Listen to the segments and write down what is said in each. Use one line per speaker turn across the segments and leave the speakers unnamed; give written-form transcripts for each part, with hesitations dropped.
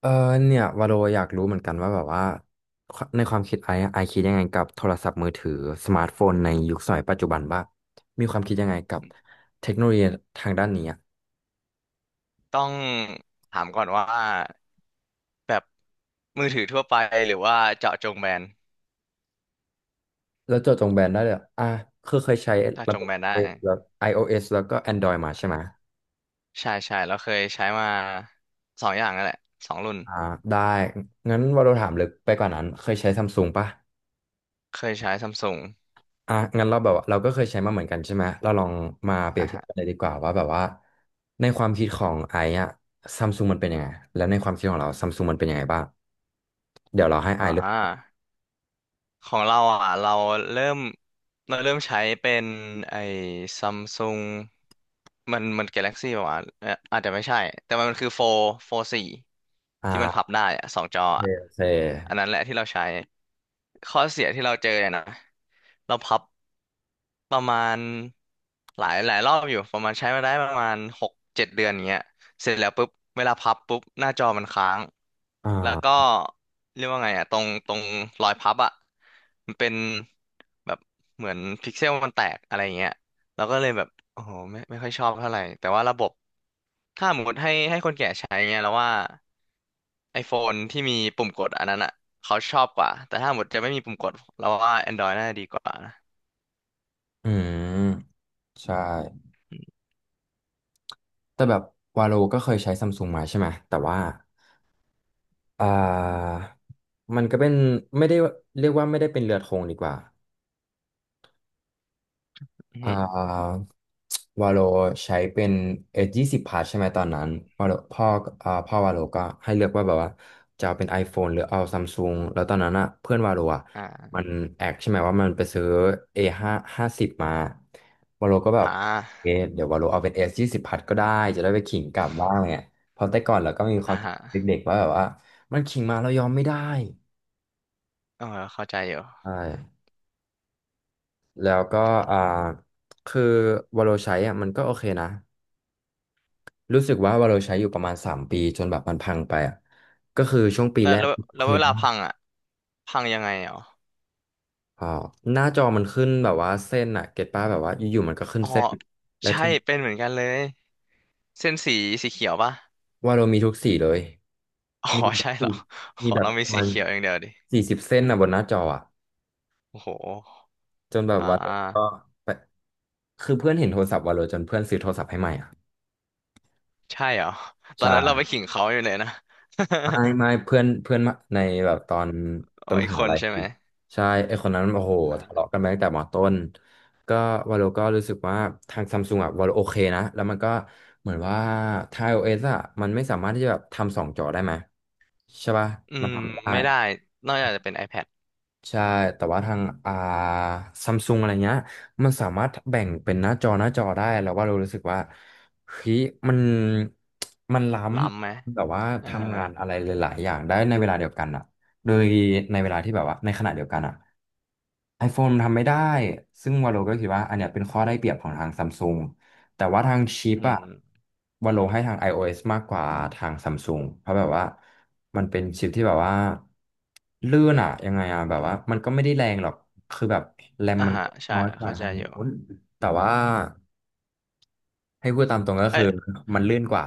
เออเนี่ยวาโลอยากรู้เหมือนกันว่าแบบว่าในความคิดไอ้ไอะไอคิดยังไงกับโทรศัพท์มือถือสมาร์ทโฟนในยุคสมัยปัจจุบันบ้างมีความคิดยังไงกับเทคโนโลยีทางด้านนี้อะ
ต้องถามก่อนว่าแบบมือถือทั่วไปหรือว่าเจาะจงแบรนด์
แล้วเจาะจงแบรนด์ได้เลยอะอ่ะคือเคยใช้
เจาะ
ระ
จ
บ
ง
บ
แบรนด์ได้
iOS แล้ว iOS แล้วก็ Android มาใช่ไหม
ใช่ใช่แล้วเคยใช้มาสองอย่างนั่นแหละสองรุ่น
อ่าได้งั้นวาโลถามลึกไปกว่านั้นเคยใช้ซัมซุงปะ
เคยใช้ซัมซุง
อ่ะงั้นเราแบบว่าเราก็เคยใช้มาเหมือนกันใช่ไหมเราลองมาเปรีย
อ่ะ
บเทียบ
ฮะ
กันเลยดีกว่าว่าแบบว่าในความคิดของไอ้อะซัมซุงมันเป็นยังไงแล้วในความคิดของเราซัมซุงมันเป็นยังไงบ้างเดี๋ยวเราให้ไอ
อ่
ซ์เลือก
าของเราอ่ะเริ่มเราเริ่มใช้เป็นไอ้ซัมซุงมันกาแล็กซี่ป่าวะอาจจะไม่ใช่แต่มันคือโฟสี่
อ่
ที่มันพับ
า
ได้อ่ะสองจอ
โอเค
อ่ะ
โอเค
อันนั้นแหละที่เราใช้ข้อเสียที่เราเจอเนี่ยนะเราพับประมาณหลายหลายรอบอยู่ประมาณใช้มาได้ประมาณ6-7 เดือนอย่างเงี้ยเสร็จแล้วปุ๊บเวลาพับปุ๊บหน้าจอมันค้าง
อ่
แล้วก็
า
เรียกว่าไงอ่ะตรงตรงรอยพับอ่ะมันเป็นแบบเหมือนพิกเซลมันแตกอะไรอย่างเงี้ยเราก็เลยแบบโอ้โหไม่ค่อยชอบเท่าไหร่แต่ว่าระบบถ้าสมมติให้คนแก่ใช้เงี้ยเราว่า ไอโฟนที่มีปุ่มกดอันนั้นอ่ะเขาชอบกว่าแต่ถ้าหมดจะไม่มีปุ่มกดเราว่า Android น่าจะดีกว่านะ
อืมใช่แต่แบบวาโลก็เคยใช้ซัมซุงมาใช่ไหมแต่ว่าอ่ามันก็เป็นไม่ได้เรียกว่าไม่ได้เป็นเรือธงดีกว่า
อือ
อ่
ฮึ
าวาโลใช้เป็นเอยี่สิบพาร์ทใช่ไหมตอนนั้นวาโลพ่ออ่าพ่อวาโลก็ให้เลือกว่าแบบว่าจะเอาเป็น iPhone หรือเอาซัมซุงแล้วตอนนั้นอ่ะเพื่อนวาโลอ่ะ
อ่า
มันแอกใช่ไหมว่ามันไปซื้อ A50มาวาโลก็แบ
อ่
บเอะ
า
เดี๋ยววาโลเอาเป็น S20ก็ได้จะได้ไปขิงกลับบ้างเนี่ยเพราะแต่ก่อนเราก็มีค
อ่า
วามคิด
ฮะ
เด็กๆว่าแบบว่ามันขิงมาเรายอมไม่ได้
เออเข้าใจอยู่
ใช่แล้วก็อ่าคือวาโลใช้อ่ะมันก็โอเคนะ รู้สึกว่าวาเราใช้อยู่ประมาณ3 ปีจนแบบมันพังไปอ่ะก็คือช่วงปี
แล้ว
แรก
แล้ว
โอ
แล้ว
เค
เวลา
มาก
พังอ่ะพังยังไงอ๋อ
อ๋อหน้าจอมันขึ้นแบบว่าเส้นอ่ะเก็ตป้าแบบว่าอยู่ๆมันก็ขึ้น
อ๋อ
เส้นแล้ว
ใช่
ที่
เป็นเหมือนกันเลยเส้นสีสีเขียวป่ะ
ว่าเรามีทุกสีเลย
อ๋อ
มีแบบ
ใช่เหร
สี่
อข
มี
อ
แบบ
เรามี
ประ
สี
มาณ
เขียวอย่างเดียวดิ
40 เส้นนะบนหน้าจออ่ะ
โอ้โห
จนแบบ
อ่
ว่าก็
า
ไปคือเพื่อนเห็นโทรศัพท์วาโลจนเพื่อนซื้อโทรศัพท์ให้ใหม่อ่ะ
ใช่เหรอตอนนั้นเราไป
ใช่
ขิงเขาอยู่เลยนะ
ไม่เพื่อนเพื่อนมาในแบบตอน ต
อ๋
อ
อ
นม
อีก
หา
คน
ลัย
ใช่ไหม
ใช่ไอคนนั้นโอ้โหทะเลาะ
อ่า
กันมาตั้งแต่มต้นก็วาโลก็รู้สึกว่าทางซัมซุงอะวาโลโอเคนะแล้วมันก็เหมือนว่าทาง iOS อะมันไม่สามารถที่จะแบบทำ2 จอได้ไหมใช่ป่ะ
อื
มัน
ม
ทำไม่ได้
ไม่ได้นอกจากจะเป็น iPad
ใช่ แต่ว่าทางอ่าซัมซุงอะไรเงี้ย มันสามารถแบ่งเป็นหน้าจอหน้าจอได้ แล้วว่าเรารู้สึกว่าเฮ้ยมันมันล้
ล้ำไหม
ำแบบว่า
อ่า
ทำงานอะไรหลายๆอย่างได้ในเวลาเดียวกันอะโดยในเวลาที่แบบว่าในขณะเดียวกันอะ iPhone ทำไม่ได้ ซึ่งวาโลก็คิดว่าอันเนี้ยเป็นข้อได้เปรียบของทางซัมซุง แต่ว่าทางชิป
อื
อะ
ม
วันโลให้ทาง iOS มากกว่าทางซัมซุงเพราะแบบว่ามันเป็นชิปที่แบบว่าลื่นอะยังไงอะแบบว่ามันก็ไม่ได้แรงหรอกคือแบบแรม
อ่า
มัน
ฮะใช่
น้อยกว่า
เข้าใจ
ทาง
อยู่
โน้นแต่ว่าให้พูดตามตรงก็
เอ้
คือ
ย
มันลื่นกว่า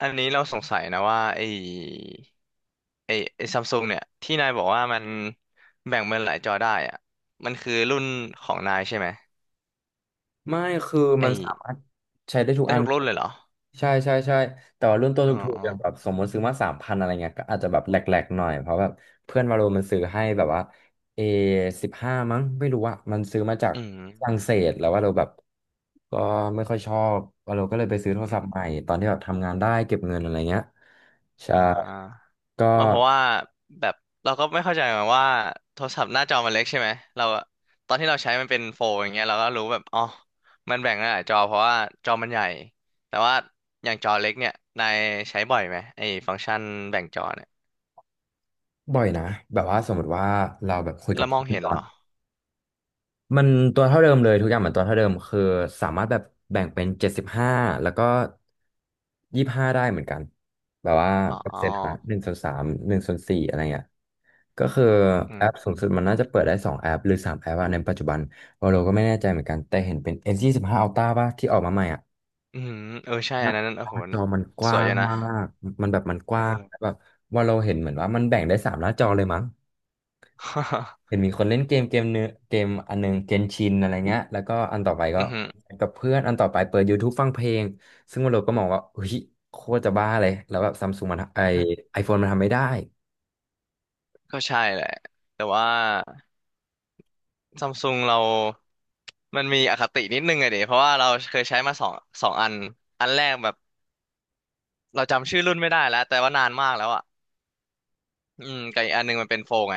อันนี้เราสงสัยนะว่าไอ้ไอ้ซัมซุงเนี่ย ที่นายบอกว่ามันแบ่งเป็นหลายจอได้อะมันคือรุ่นของนายใช่ไหม
ไม่คือ
ไอ้
มันสามารถใช้ได้ทุก
ได้
อัน
ทุกรุ่นเลยเหรอ
ใช่แต่ว่ารุ่นตัว
อ๋อ
ถูกๆอย่างแบบสมมติซื้อมา3,000อะไรเงี้ยก็อาจจะแบบแหลกๆหน่อยเพราะแบบเพื่อนวาโลมันซื้อให้แบบว่าA15มั้งไม่รู้อะมันซื้อมาจาก
อืม
ฝรั่งเศสแล้วว่าเราแบบก็ไม่ค่อยชอบวาโลก็เลยไปซื้อโทร
อื
ศัพท์ให
ม
ม่ตอนที่แบบทำงานได้เก็บเงินอะไรเงี้ยใช่
อ่า
ก็
มาเพราะว่าแบบเราก็ไม่เข้าใจเหมือนกันว่าโทรศัพท์หน้าจอมันเล็กใช่ไหมเราอะตอนที่เราใช้มันเป็นโฟลอย่างเงี้ยเราก็รู้แบบอ๋อมันแบ่งหลายจอเพราะว่าจอมันใหญ่แต่ว่าอย่างจอเล็กเนี่ยนายใช้บ่อยไหมไอ้ฟังก์ชันแบ่งจอเนี่ย
บ่อยนะแบบว่าสมมติว่าเราแบบคุยกั
แล้
บ
วมอง
เพื่อน
เห็น
ตอ
เหร
น
อ
มันตัวเท่าเดิมเลยทุกอย่างเหมือนตัวเท่าเดิมคือสามารถแบบแบ่งเป็น75แล้วก็25ได้เหมือนกันแบบว่า
อ๋
เปอร์
อ
เซ็นต์นะ1/31/4อะไรเงี้ยก็คือ
อื
แอ
ม
ปสูงสุดมันน่าจะเปิดได้2 แอปหรือ3 แอปอะในปัจจุบันเราก็ไม่แน่ใจเหมือนกันแต่เห็นเป็น S25 Ultra ป่ะที่ออกมาใหม่อ่ะ
อืมเออใช่
ห
อั
น้า
นนั้น
ห
โอ้
น้า
โห
จอมันก
ส
ว้า
วยอ
ง
ยู่นะ
มากมันแบบมันก
เอ
ว้าง
อ
แบบว่าเราเห็นเหมือนว่ามันแบ่งได้3 หน้าจอเลยมั้ง เห็นมีคนเล่นเกมเกมเนื้อเกมอันหนึงเกนชินอะไรเงี้ยแล้วก็อันต่อไป ก็
อือหือ
กับเพื่อนอันต่อไปเปิด YouTube ฟังเพลงซึ่งวันเราก็มองว่าเฮ้ยโคตรจะบ้าเลยแล้วแบบซัมซุงมันไอไอโฟนมันทำไม่ได้
ก็ใช่แหละแต่ว่า ซัมซุงเรามันมีอคตินิดนึงอะเดยเพราะว่าเราเคยใช้มาสองอันอันแรกแบบเราจำชื่อรุ่นไม่ได้แล้วแต่ว่านานมากแล้วอ่ะอืมกับอีกอันหนึงมันเป็นโฟลไง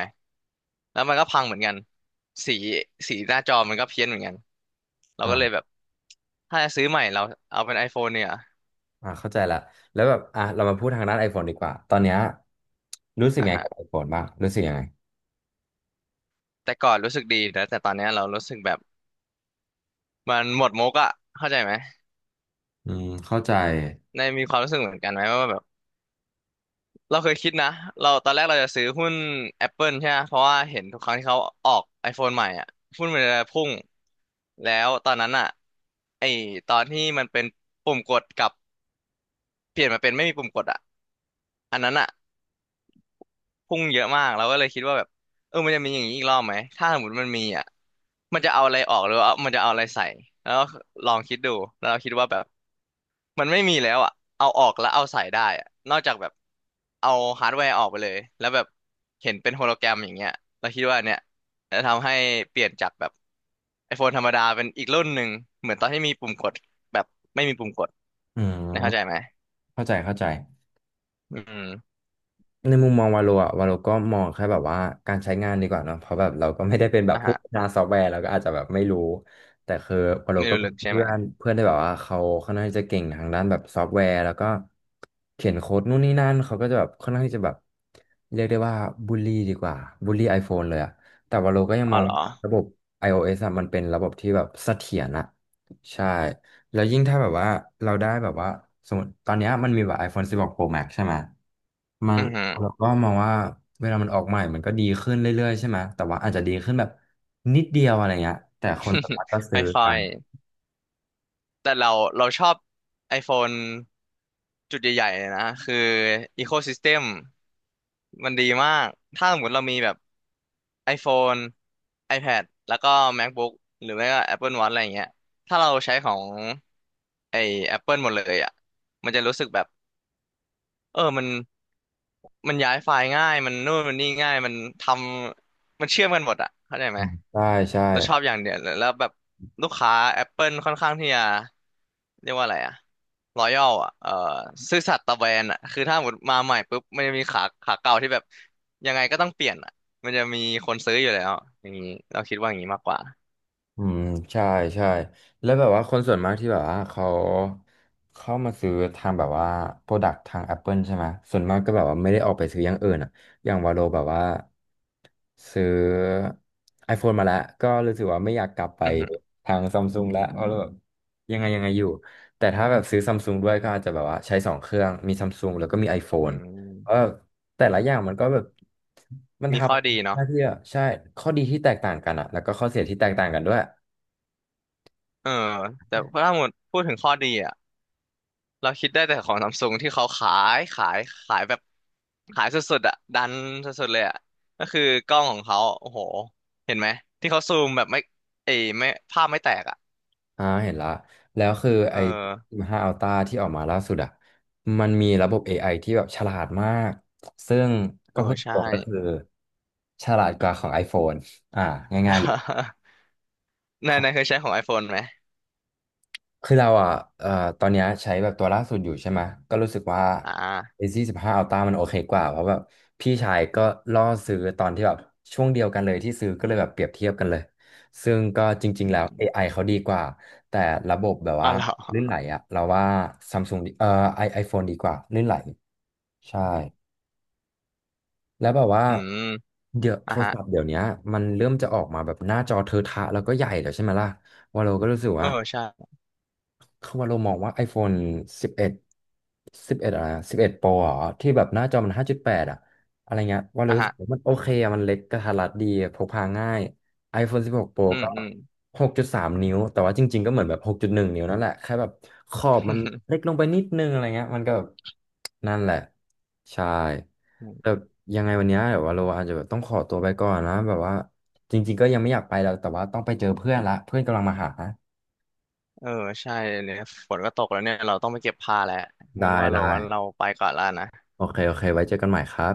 แล้วมันก็พังเหมือนกันสีสีหน้าจอมันก็เพี้ยนเหมือนกันเราก็เลยแบ
อ่า
บถ้าจะซื้อใหม่เราเอาเป็น iPhone เนี่ย
อ่าเข้าใจละแล้วแบบอ่ะเรามาพูดทางด้าน iPhone ดีกว่าตอนเนี้ยรู้สึก
อ่ะ
ไง
ฮะ
กับ iPhone บ้างรู้สึกยังไง
แต่ก่อนรู้สึกดีนะแต่ตอนเนี้ยเรารู้สึกแบบมันหมดมุกอะเข้าใจไหม
อืมเข้าใจ
ในมีความรู้สึกเหมือนกันไหมว่าแบบ เราเคยคิดนะเราตอนแรกเราจะซื้อหุ้น Apple ใช่ไหมเพราะว่าเห็นทุกครั้งที่เขาออก iPhone ใหม่อ่ะหุ้นมันจะพุ่งแล้วตอนนั้นอ่ะไอตอนที่มันเป็นปุ่มกดกับเปลี่ยนมาเป็นไม่มีปุ่มกดอ่ะอันนั้นอ่ะ พุ่งเยอะมากเราก็เลยคิดว่าแบบเออมันจะมีอย่างนี้อีกรอบไหมถ้าสมมติมันมีอ่ะมันจะเอาอะไรออกหรือว่ามันจะเอาอะไรใส่แล้วลองคิดดูแล้วเราคิดว่าแบบมันไม่มีแล้วอ่ะเอาออกแล้วเอาใส่ได้อะนอกจากแบบเอาฮาร์ดแวร์ออกไปเลยแล้วแบบเห็นเป็นโฮโลแกรมอย่างเงี้ยเราคิดว่าเนี่ยจะทำให้เปลี่ยนจากแบบ iPhone ธรรมดาเป็นอีกรุ่นหนึ่งเหมือนตอนที่มีปุ่มกดแบบไม่มีปุ่มกด
อื
นะเข้าใจ
ม
ไหม
เข้าใจเข้าใจ
อืม
ในมุมมองวาโลก็มองแค่แบบว่าการใช้งานดีกว่าเนาะเพราะแบบเราก็ไม่ได้เป็นแบบ
อ่ะ
ผู้
ฮะ
พัฒนาซอฟต์แวร์เราก็อาจจะแบบไม่รู้แต่คือวาโล
ไม่
ก็
รู้
มี
ลึกใช่ไห
เพื่
ม
อนเพื่อนที่แบบว่าเขาค่อนข้างที่จะเก่งทางด้านแบบซอฟต์แวร์แล้วก็เขียนโค้ดนู่นนี่นั่นเขาก็จะแบบค่อนข้างที่จะแบบเรียกได้ว่าบูลลี่ดีกว่าบูลลี่ iPhone เลยอะแต่วาโลก็ยัง
อ๋อ
มอง
เหรอ
ว่าระบบ iOS อะมันเป็นระบบที่แบบเสถียรอะใช่ แล้วยิ่งถ้าแบบว่าเราได้แบบว่าสมมติตอนเนี้ยมันมีแบบ iPhone 16 Pro Max ใช่ไหมมัน
อือฮึ
เราก็มองว่าเวลามันออกใหม่มันก็ดีขึ้นเรื่อยๆใช่ไหมแต่ว่าอาจจะดีขึ้นแบบนิดเดียวอะไรเงี้ยแต่คนสามา รถก็ซื้
ไม่
อ
ค่อ
กั
ย
น
แต่เราเราชอบ iPhone จุดใหญ่ๆเลยนะคือ Ecosystem มันดีมาก ถ้าสมมติเรามีแบบ iPhone iPad แล้วก็ MacBook หรือไม่ก็ Apple Watch อะไรอย่างเงี้ยถ้าเราใช้ของไอ้ Apple หมดเลยอ่ะมันจะรู้สึกแบบเออมันมันย้ายไฟล์ง่ายมันนู่นมันนี่ง่ายมันทำมันเชื่อมกันหมดอ่ะเข้าใจไห
อื
ม
มใช่ใช่
เราชอบอย่างเดียวเลยแล้วแบบลูกค้า Apple ค่อนข้างที่จะเรียกว่าอะไรอะรอยัลอะซื่อสัตย์ต่อแบรนด์อะคือถ้าหมดมาใหม่ปุ๊บมันจะมีขาขาเก่าที่แบบยังไงก็ต้องเปลี่ยนอะมันจะมีคนซื้ออยู่แล้วอย่างนี้เราคิดว่าอย่างนี้มากกว่า
อืมใช่ใช่แล้วแบบว่าคนส่วนมากที่แบบว่าเขาเข้ามาซื้อทางแบบว่าโปรดักต์ทาง Apple ใช่ไหมส่วนมากก็แบบว่าไม่ได้ออกไปซื้ออย่างอื่นอ่ะอย่างวาโลแบบว่าซื้อ iPhone มาแล้วก็รู้สึกว่าไม่อยากกลับไป
อือหือ
ทางซัมซุงแล้วเพราะเราแบบยังไงยังไงอยู่แต่ถ้าแบบซื้อซัมซุงด้วยก็อาจจะแบบว่าใช้สองเครื่องมีซัมซุงแล้วก็มี
อื
iPhone เพราะแบ
ม
บแต่ละอย่างมันก็แบบมันท
มีข้อดี
ำ ห
เนาะ
น้าที่อ่ะใช่ข้อดีที่แตกต่างกันอ่ะแล้วก็ข้อเสียที่แตกต่างกันด้วย
เออแต่ถ้าหมดพูดถึงข้อดีอะ เราคิดได้แต่ของซัมซุงที่เขายขายขายแบบขายสุดๆอ่ะดันสุดๆเลยอ่ะก็คือกล้องของเขาโอ้โหเห็นไหมที่เขาซูมแบบไม่เอยไม่ภาพไม่แตกอ่ะ
อ่าเห็นละแล้วคือ
เออ
ไอ้1า Ultra ที่ออกมาล่าสุดอ่ะมันมีระบบ AI ที่แบบฉลาดมากซึ่ง
เอ
ก็
อ
พูดต
ใช่
รงก็คือฉลาดกว่าของ iPhone อ่าง่ายๆเลย
นายนายเคยใช้ของ iPhone ไหม
คือเราอ่ะเอ่อตอนเนี้ยใช้แบบตัวล่าสุดอยู่ใช่ไหมก็รู้สึกว่า
อ่า
r a บห15 Ultra มันโอเคกว่าเพราะแบบพี่ชายก็ล่อซื้อตอนที่แบบช่วงเดียวกันเลยที่ซื้อก็เลยแบบเปรียบเทียบกันเลยซึ่งก็จริง
อื
ๆแล้ว
ม
AI เขาดีกว่าแต่ระบบแบบ
อ๋อ
ว่า
เหรอ
ลื่นไหลอ่ะเราว่า Samsung ดีไอโฟนดีกว่าลื่นไหลใช่แล้วแบบว่า
อืม
เดี๋ยวโท
อ่ะ
ร
ฮะ
ศัพท์เดี๋ยวเนี้ยมันเริ่มจะออกมาแบบหน้าจอเทอะทะแล้วก็ใหญ่แล้วใช่ไหมล่ะว่าเราก็รู้สึก
เออ
ว่า
ใช่
คือว่าเรามองว่า iPhone 11บเอดสิบเอ็ดอะไรอะ11 Pro เหรอที่แบบหน้าจอมัน5.8อ่ะอะไรเงี้ยว่าเรา
อ่ะ
รู้
ฮะ
สึกว่ามันโอเคอะมันเล็กกระทัดรัดดีพกพาง่าย iPhone 16 Pro
อืม
ก็
อืม
6.3นิ้วแต่ว่าจริงๆก็เหมือนแบบ6.1นงนิ้วนั่นแหละแค่แบบขอบมันเล็กลงไปนิดนึงอะไรเงี้ยมันก็แบบนั่นแหละใช่แต่ ยังไงวันเนี้ยเดี๋ยวว่าเราอาจจะแบบต้องขอตัวไปก่อนนะแบบว่าจริงๆก็ยังไม่อยากไปแล้วแต่ว่าต้องไปเจอเพื่อนละเพื่อนกำลังมาหา
เออใช่เนี่ยฝนก็ตกแล้วเนี่ยเราต้องไปเก็บผ้าแล้ว
ได้
งั้นว่า
ได้
เรางั้นเราไปก่อนแล้วนะ
โอเค โอเค ไว้เจอกันใหม่ครับ